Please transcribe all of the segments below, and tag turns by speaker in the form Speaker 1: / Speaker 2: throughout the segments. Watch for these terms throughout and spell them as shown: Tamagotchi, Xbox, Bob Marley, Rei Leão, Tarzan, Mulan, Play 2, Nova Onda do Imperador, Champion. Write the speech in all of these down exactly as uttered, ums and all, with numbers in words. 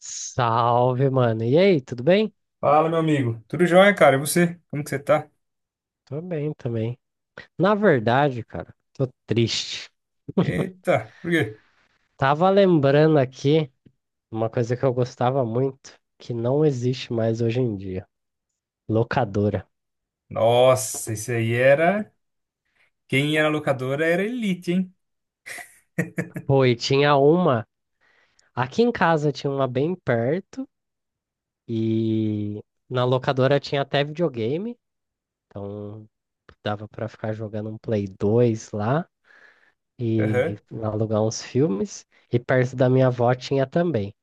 Speaker 1: Salve, mano. E aí, tudo bem?
Speaker 2: Fala, meu amigo. Tudo jóia, cara? E você? Como que você tá?
Speaker 1: Tô bem também. Na verdade, cara, tô triste.
Speaker 2: Eita, por quê?
Speaker 1: Tava lembrando aqui uma coisa que eu gostava muito, que não existe mais hoje em dia. Locadora.
Speaker 2: Nossa, isso aí era. Quem era locadora era elite, hein?
Speaker 1: Pô, e tinha uma. Aqui em casa tinha uma bem perto, e na locadora tinha até videogame. Então dava pra ficar jogando um Play dois lá e
Speaker 2: Aham.
Speaker 1: alugar uns filmes. E perto da minha avó tinha também.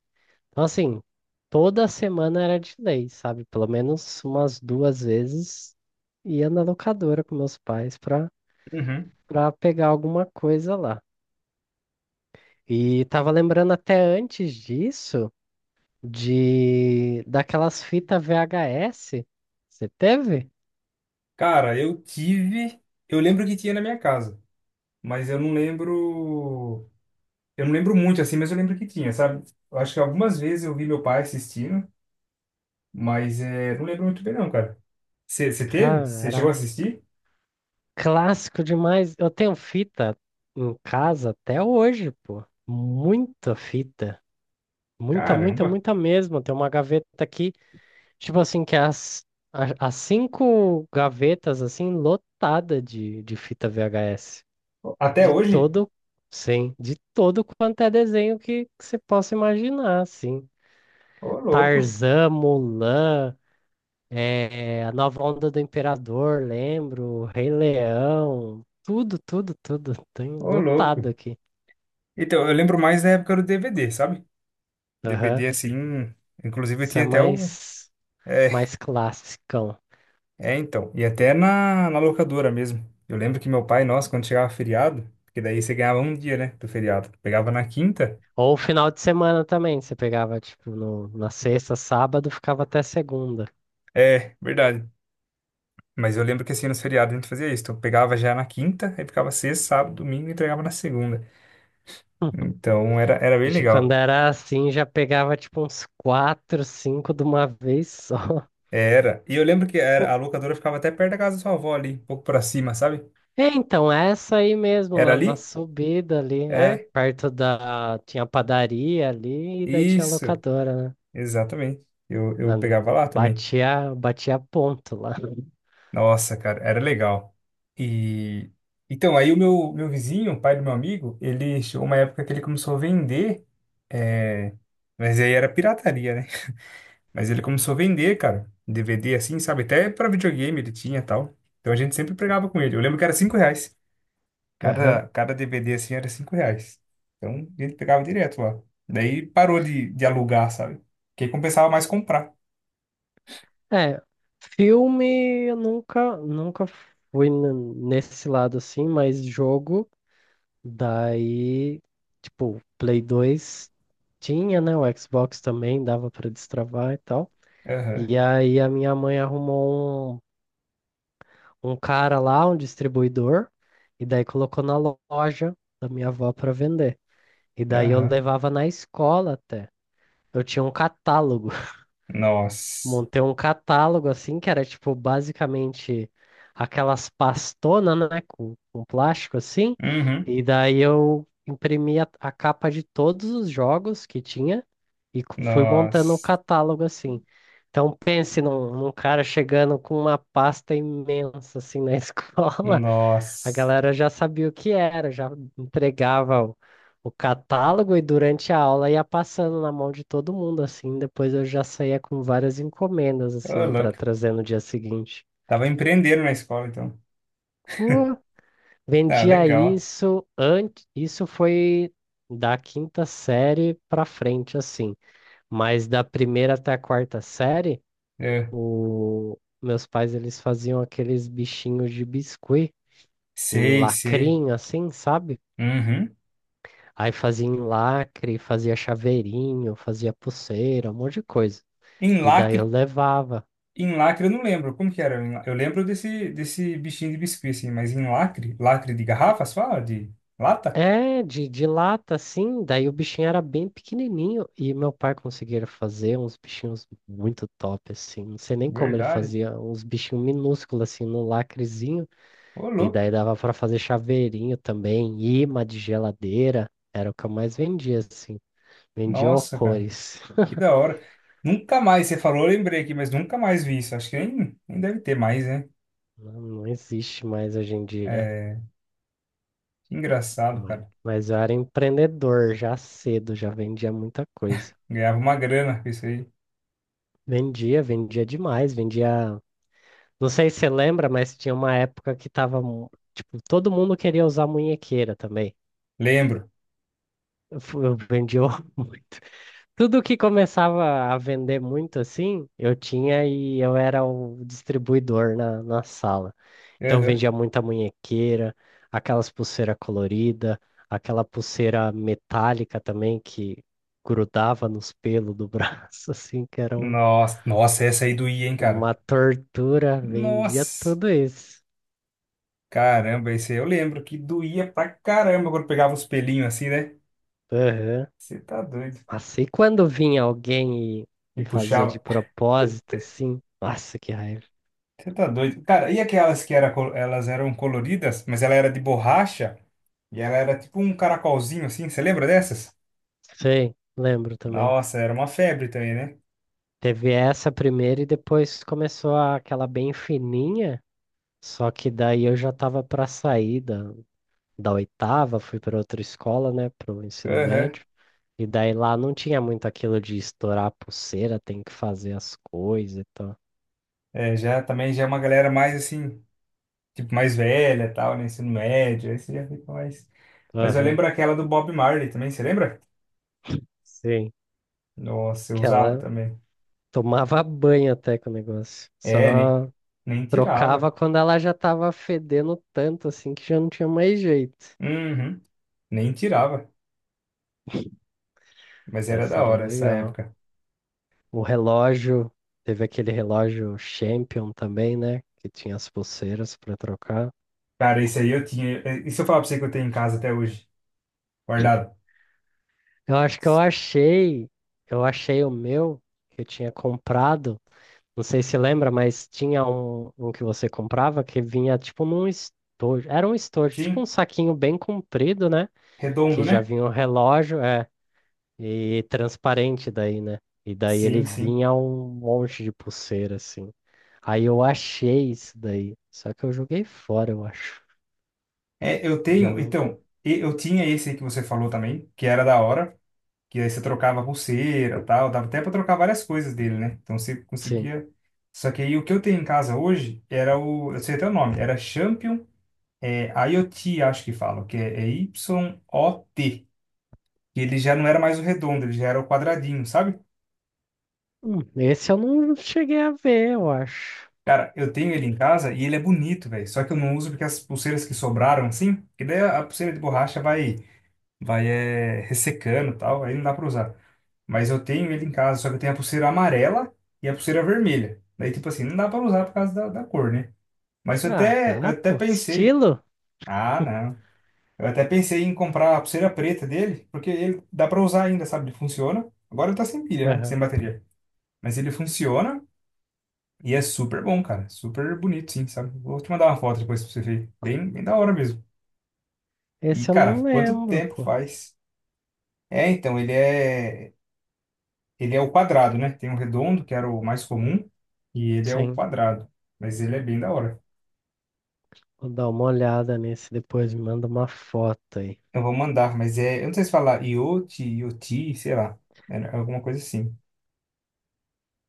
Speaker 1: Então, assim, toda semana era de lei, sabe? Pelo menos umas duas vezes ia na locadora com meus pais pra,
Speaker 2: Uhum.
Speaker 1: pra pegar alguma coisa lá. E tava lembrando até antes disso, de daquelas fitas V H S. Você teve?
Speaker 2: Cara, eu tive. Eu lembro que tinha na minha casa, mas eu não lembro. Eu não lembro muito assim, mas eu lembro que tinha, sabe? Eu acho que algumas vezes eu vi meu pai assistindo, mas é, não lembro muito bem, não, cara. Você você teve?
Speaker 1: Cara,
Speaker 2: Você chegou a
Speaker 1: era
Speaker 2: assistir?
Speaker 1: clássico demais. Eu tenho fita em casa até hoje, pô. Muita fita. Muita, muita,
Speaker 2: Caramba!
Speaker 1: muita mesmo. Tem uma gaveta aqui. Tipo assim, que as, a- as cinco gavetas, assim, lotada de, de fita V H S.
Speaker 2: Até
Speaker 1: De
Speaker 2: hoje?
Speaker 1: todo, sim, de todo quanto é desenho que, que você possa imaginar, assim.
Speaker 2: Ô, louco!
Speaker 1: Tarzan, Mulan, eh, a Nova Onda do Imperador, lembro, Rei Leão, tudo, tudo, tudo. Tem
Speaker 2: Ô, louco!
Speaker 1: lotado aqui.
Speaker 2: Então, eu lembro mais da época do D V D, sabe? D V D
Speaker 1: Aham.
Speaker 2: assim. Inclusive, eu
Speaker 1: Isso é
Speaker 2: tinha até o.
Speaker 1: mais,
Speaker 2: É,
Speaker 1: mais clássico.
Speaker 2: é então. E até na, na locadora mesmo. Eu lembro que meu pai, nossa, quando chegava feriado, porque daí você ganhava um dia, né, do feriado. Pegava na quinta.
Speaker 1: Ou final de semana também, você pegava, tipo, no, na sexta, sábado, ficava até segunda.
Speaker 2: É, verdade. Mas eu lembro que assim, nos feriados a gente fazia isso. Então, eu pegava já na quinta, aí ficava sexta, sábado, domingo e entregava na segunda. Então, era, era bem
Speaker 1: Já quando
Speaker 2: legal.
Speaker 1: era assim, já pegava, tipo, uns quatro, cinco de uma vez só.
Speaker 2: Era. E eu lembro que era,
Speaker 1: Pô,
Speaker 2: a locadora ficava até perto da casa da sua avó ali, um pouco pra cima, sabe?
Speaker 1: é, então, essa aí mesmo,
Speaker 2: Era
Speaker 1: na,
Speaker 2: ali?
Speaker 1: na subida ali, é,
Speaker 2: É,
Speaker 1: perto da... Tinha padaria ali e daí tinha
Speaker 2: isso.
Speaker 1: locadora, né?
Speaker 2: Exatamente. Eu, eu
Speaker 1: Mano,
Speaker 2: pegava lá também.
Speaker 1: batia, batia ponto lá.
Speaker 2: Nossa, cara, era legal. E então, aí o meu, meu vizinho, o pai do meu amigo, ele chegou uma época que ele começou a vender, é, mas aí era pirataria, né? Mas ele começou a vender, cara, D V D assim, sabe? Até pra videogame ele tinha e tal. Então a gente sempre pegava com ele. Eu lembro que era cinco reais.
Speaker 1: Aham.
Speaker 2: Cada, cada D V D assim era cinco reais. Então a gente pegava direto lá. Daí parou de, de alugar, sabe? Porque compensava mais comprar.
Speaker 1: É, filme eu nunca, nunca fui n- nesse lado assim, mas jogo... Daí, tipo, Play dois tinha, né? O Xbox também dava pra destravar e tal.
Speaker 2: Aham,
Speaker 1: E aí a minha mãe arrumou um, um cara lá, um distribuidor, e daí colocou na lo- loja da minha avó pra vender. E daí eu
Speaker 2: aham.
Speaker 1: levava na escola até. Eu tinha um catálogo,
Speaker 2: Nossa.
Speaker 1: montei um catálogo assim, que era tipo basicamente aquelas pastonas, né, com, com plástico assim,
Speaker 2: Uhum.
Speaker 1: e daí eu imprimi a, a capa de todos os jogos que tinha e co- fui montando o
Speaker 2: Nossa.
Speaker 1: catálogo assim. Então pense num, num cara chegando com uma pasta imensa assim na escola, a
Speaker 2: Nossa,
Speaker 1: galera já sabia o que era, já entregava o, o catálogo e durante a aula ia passando na mão de todo mundo, assim. Depois eu já saía com várias encomendas,
Speaker 2: ô
Speaker 1: assim, para
Speaker 2: louco.
Speaker 1: trazer no dia seguinte.
Speaker 2: Tava empreendendo na escola, então.
Speaker 1: Pô,
Speaker 2: Ah,
Speaker 1: vendia
Speaker 2: legal.
Speaker 1: isso antes. Isso foi da quinta série para frente, assim. Mas da primeira até a quarta série,
Speaker 2: Eu
Speaker 1: o... meus pais eles faziam aqueles bichinhos de biscuit em
Speaker 2: sei, sei.
Speaker 1: lacrinho, assim, sabe?
Speaker 2: Uhum.
Speaker 1: Aí fazia em lacre, fazia chaveirinho, fazia pulseira, um monte de coisa.
Speaker 2: Em
Speaker 1: E daí eu
Speaker 2: lacre,
Speaker 1: levava.
Speaker 2: em lacre eu não lembro. Como que era? Em la- Eu lembro desse, desse bichinho de biscuit, assim, mas em lacre, lacre de garrafas, fala? De lata?
Speaker 1: É, de, de lata, assim. Daí o bichinho era bem pequenininho. E meu pai conseguia fazer uns bichinhos muito top, assim. Não sei nem como ele
Speaker 2: Verdade.
Speaker 1: fazia. Uns bichinhos minúsculos, assim, no lacrezinho.
Speaker 2: Ô,
Speaker 1: E
Speaker 2: louco.
Speaker 1: daí dava pra fazer chaveirinho também. Imã de geladeira. Era o que eu mais vendia, assim. Vendia
Speaker 2: Nossa, cara.
Speaker 1: horrores.
Speaker 2: Que da hora. Nunca mais, você falou, eu lembrei aqui, mas nunca mais vi isso. Acho que nem, nem deve ter mais, né?
Speaker 1: Não, não existe mais hoje em dia.
Speaker 2: É, que engraçado,
Speaker 1: Mas
Speaker 2: cara.
Speaker 1: mas eu era empreendedor já cedo, já vendia muita coisa.
Speaker 2: Ganhava uma grana com isso aí.
Speaker 1: Vendia, vendia demais, vendia. Não sei se você lembra, mas tinha uma época que tava. mu- Tipo, todo mundo queria usar munhequeira também.
Speaker 2: Lembro.
Speaker 1: Eu, fu- eu vendia muito. Tudo que começava a vender muito assim, eu tinha e eu era o distribuidor na, na sala. Então vendia muita munhequeira, aquelas pulseira colorida, aquela pulseira metálica também que grudava nos pelos do braço, assim, que era um-
Speaker 2: Nossa, nossa, essa aí doía, hein, cara?
Speaker 1: uma tortura. Vendia
Speaker 2: Nossa,
Speaker 1: tudo isso.
Speaker 2: caramba, esse aí eu lembro que doía pra caramba quando pegava os pelinhos assim, né?
Speaker 1: Aham.
Speaker 2: Você tá doido.
Speaker 1: Assim, quando vinha alguém e,
Speaker 2: E
Speaker 1: e fazia
Speaker 2: puxava.
Speaker 1: de propósito, assim, nossa, que raiva.
Speaker 2: Você tá doido. Cara, e aquelas que era, col- elas eram coloridas, mas ela era de borracha e ela era tipo um caracolzinho assim, você lembra dessas?
Speaker 1: Sei, lembro também.
Speaker 2: Nossa, era uma febre também, né?
Speaker 1: Teve essa primeira e depois começou a- aquela bem fininha, só que daí eu já tava pra sair da, da oitava, fui para outra escola, né, para o ensino
Speaker 2: Aham.
Speaker 1: médio. E daí lá não tinha muito aquilo de estourar a pulseira, tem que fazer as coisas e tal.
Speaker 2: É, já também já é uma galera mais assim, tipo mais velha, e tal, né? Ensino médio, aí você já fica mais. Mas eu
Speaker 1: Aham,
Speaker 2: lembro aquela do Bob Marley também, você lembra?
Speaker 1: sim.
Speaker 2: Nossa, eu
Speaker 1: Que
Speaker 2: usava
Speaker 1: ela
Speaker 2: também.
Speaker 1: tomava banho até com o negócio.
Speaker 2: É, nem,
Speaker 1: Só
Speaker 2: nem
Speaker 1: trocava
Speaker 2: tirava.
Speaker 1: quando ela já tava fedendo tanto assim que já não tinha mais jeito.
Speaker 2: Uhum, nem tirava. Mas era
Speaker 1: Essa
Speaker 2: da
Speaker 1: era
Speaker 2: hora essa
Speaker 1: legal.
Speaker 2: época.
Speaker 1: O relógio, teve aquele relógio Champion também, né? Que tinha as pulseiras para trocar.
Speaker 2: Cara, esse aí eu tinha. eh, E se eu falar pra você que eu tenho em casa até hoje? Guardado?
Speaker 1: Eu acho que eu achei, eu achei o meu que eu tinha comprado. Não sei se lembra, mas tinha um, um que você comprava que vinha tipo num estojo. Era um estojo, tipo um
Speaker 2: Sim,
Speaker 1: saquinho bem comprido, né?
Speaker 2: redondo,
Speaker 1: Que já
Speaker 2: né?
Speaker 1: vinha um relógio, é, e transparente daí, né? E daí ele
Speaker 2: Sim, sim.
Speaker 1: vinha um monte de pulseira, assim. Aí eu achei isso daí. Só que eu joguei fora, eu acho.
Speaker 2: É, eu
Speaker 1: Já
Speaker 2: tenho.
Speaker 1: não.
Speaker 2: Então, e- eu tinha esse aí que você falou também, que era da hora. Que aí você trocava pulseira tal. Dava até pra trocar várias coisas dele, né? Então você
Speaker 1: Sim.
Speaker 2: conseguia. Só que aí o que eu tenho em casa hoje era o. Eu sei até o nome. Era Champion. É I O T, acho que falam, que é, é Y O T. E ele já não era mais o redondo, ele já era o quadradinho, sabe?
Speaker 1: Hum, esse eu não cheguei a ver, eu acho.
Speaker 2: Cara, eu tenho ele em casa e ele é bonito, velho. Só que eu não uso porque as pulseiras que sobraram, assim, que daí a pulseira de borracha vai, vai é, ressecando e tal, aí não dá pra usar. Mas eu tenho ele em casa, só que eu tenho a pulseira amarela e a pulseira vermelha. Daí, tipo assim, não dá pra usar por causa da, da cor, né? Mas eu
Speaker 1: Ah,
Speaker 2: até, eu
Speaker 1: tá,
Speaker 2: até
Speaker 1: pô.
Speaker 2: pensei,
Speaker 1: Estilo?
Speaker 2: ah, não. Eu até pensei em comprar a pulseira preta dele, porque ele dá pra usar ainda, sabe? Ele funciona. Agora ele tá sem pilha, né?
Speaker 1: Aham.
Speaker 2: Sem bateria. Mas ele funciona e é super bom, cara. Super bonito, sim, sabe? Vou te mandar uma foto depois pra você ver. Bem, bem da hora mesmo. E,
Speaker 1: Esse eu
Speaker 2: cara,
Speaker 1: não
Speaker 2: quanto
Speaker 1: lembro,
Speaker 2: tempo
Speaker 1: pô.
Speaker 2: faz? É, então, ele é. Ele é o quadrado, né? Tem o redondo, que era o mais comum, e ele é o
Speaker 1: Sim,
Speaker 2: quadrado. Mas ele é bem da hora.
Speaker 1: vou dar uma olhada nesse depois, me manda uma foto aí.
Speaker 2: Eu vou mandar, mas é. Eu não sei se falar iot iot sei lá. É alguma coisa assim.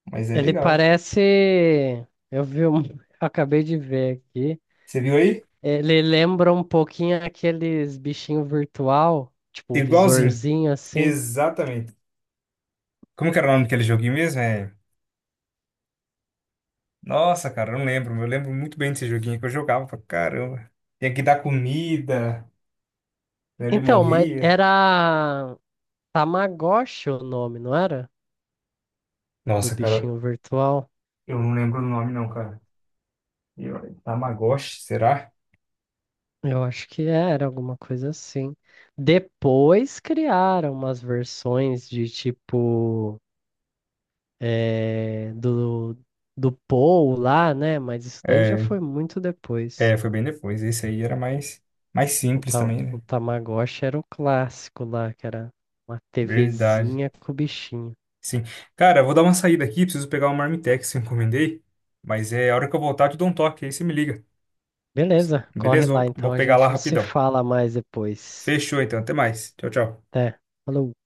Speaker 2: Mas é
Speaker 1: Ele
Speaker 2: legal.
Speaker 1: parece. Eu vi um. Eu Acabei de ver aqui.
Speaker 2: Você viu aí?
Speaker 1: Ele lembra um pouquinho aqueles bichinhos virtual, tipo o
Speaker 2: Igualzinho.
Speaker 1: visorzinho assim.
Speaker 2: Exatamente. Como que era o nome daquele joguinho mesmo? É... Nossa, cara, eu não lembro. Eu lembro muito bem desse joguinho que eu jogava pra caramba. Tinha que dar comida, né? Ele
Speaker 1: Então, mas
Speaker 2: morria.
Speaker 1: era Tamagotchi o nome, não era? Do
Speaker 2: Nossa, cara,
Speaker 1: bichinho virtual.
Speaker 2: eu não lembro o nome não, cara. E olha, Tamagotchi, será?
Speaker 1: Eu acho que era alguma coisa assim. Depois criaram umas versões de tipo eh, do, do Paul lá, né? Mas isso daí já
Speaker 2: É,
Speaker 1: foi muito depois.
Speaker 2: é, foi bem depois. Esse aí era mais, mais
Speaker 1: O,
Speaker 2: simples
Speaker 1: ta,
Speaker 2: também, né?
Speaker 1: o Tamagotchi era o clássico lá, que era uma
Speaker 2: Verdade.
Speaker 1: tevezinha com o bichinho.
Speaker 2: Sim. Cara, eu vou dar uma saída aqui. Preciso pegar uma Marmitex que eu encomendei. Mas é a hora que eu voltar, eu te dou um toque. Aí você me liga.
Speaker 1: Beleza, corre
Speaker 2: Beleza?
Speaker 1: lá
Speaker 2: Vou,
Speaker 1: então,
Speaker 2: vou
Speaker 1: a
Speaker 2: pegar lá
Speaker 1: gente se
Speaker 2: rapidão.
Speaker 1: fala mais depois.
Speaker 2: Fechou então, até mais. Tchau, tchau.
Speaker 1: Até. Falou.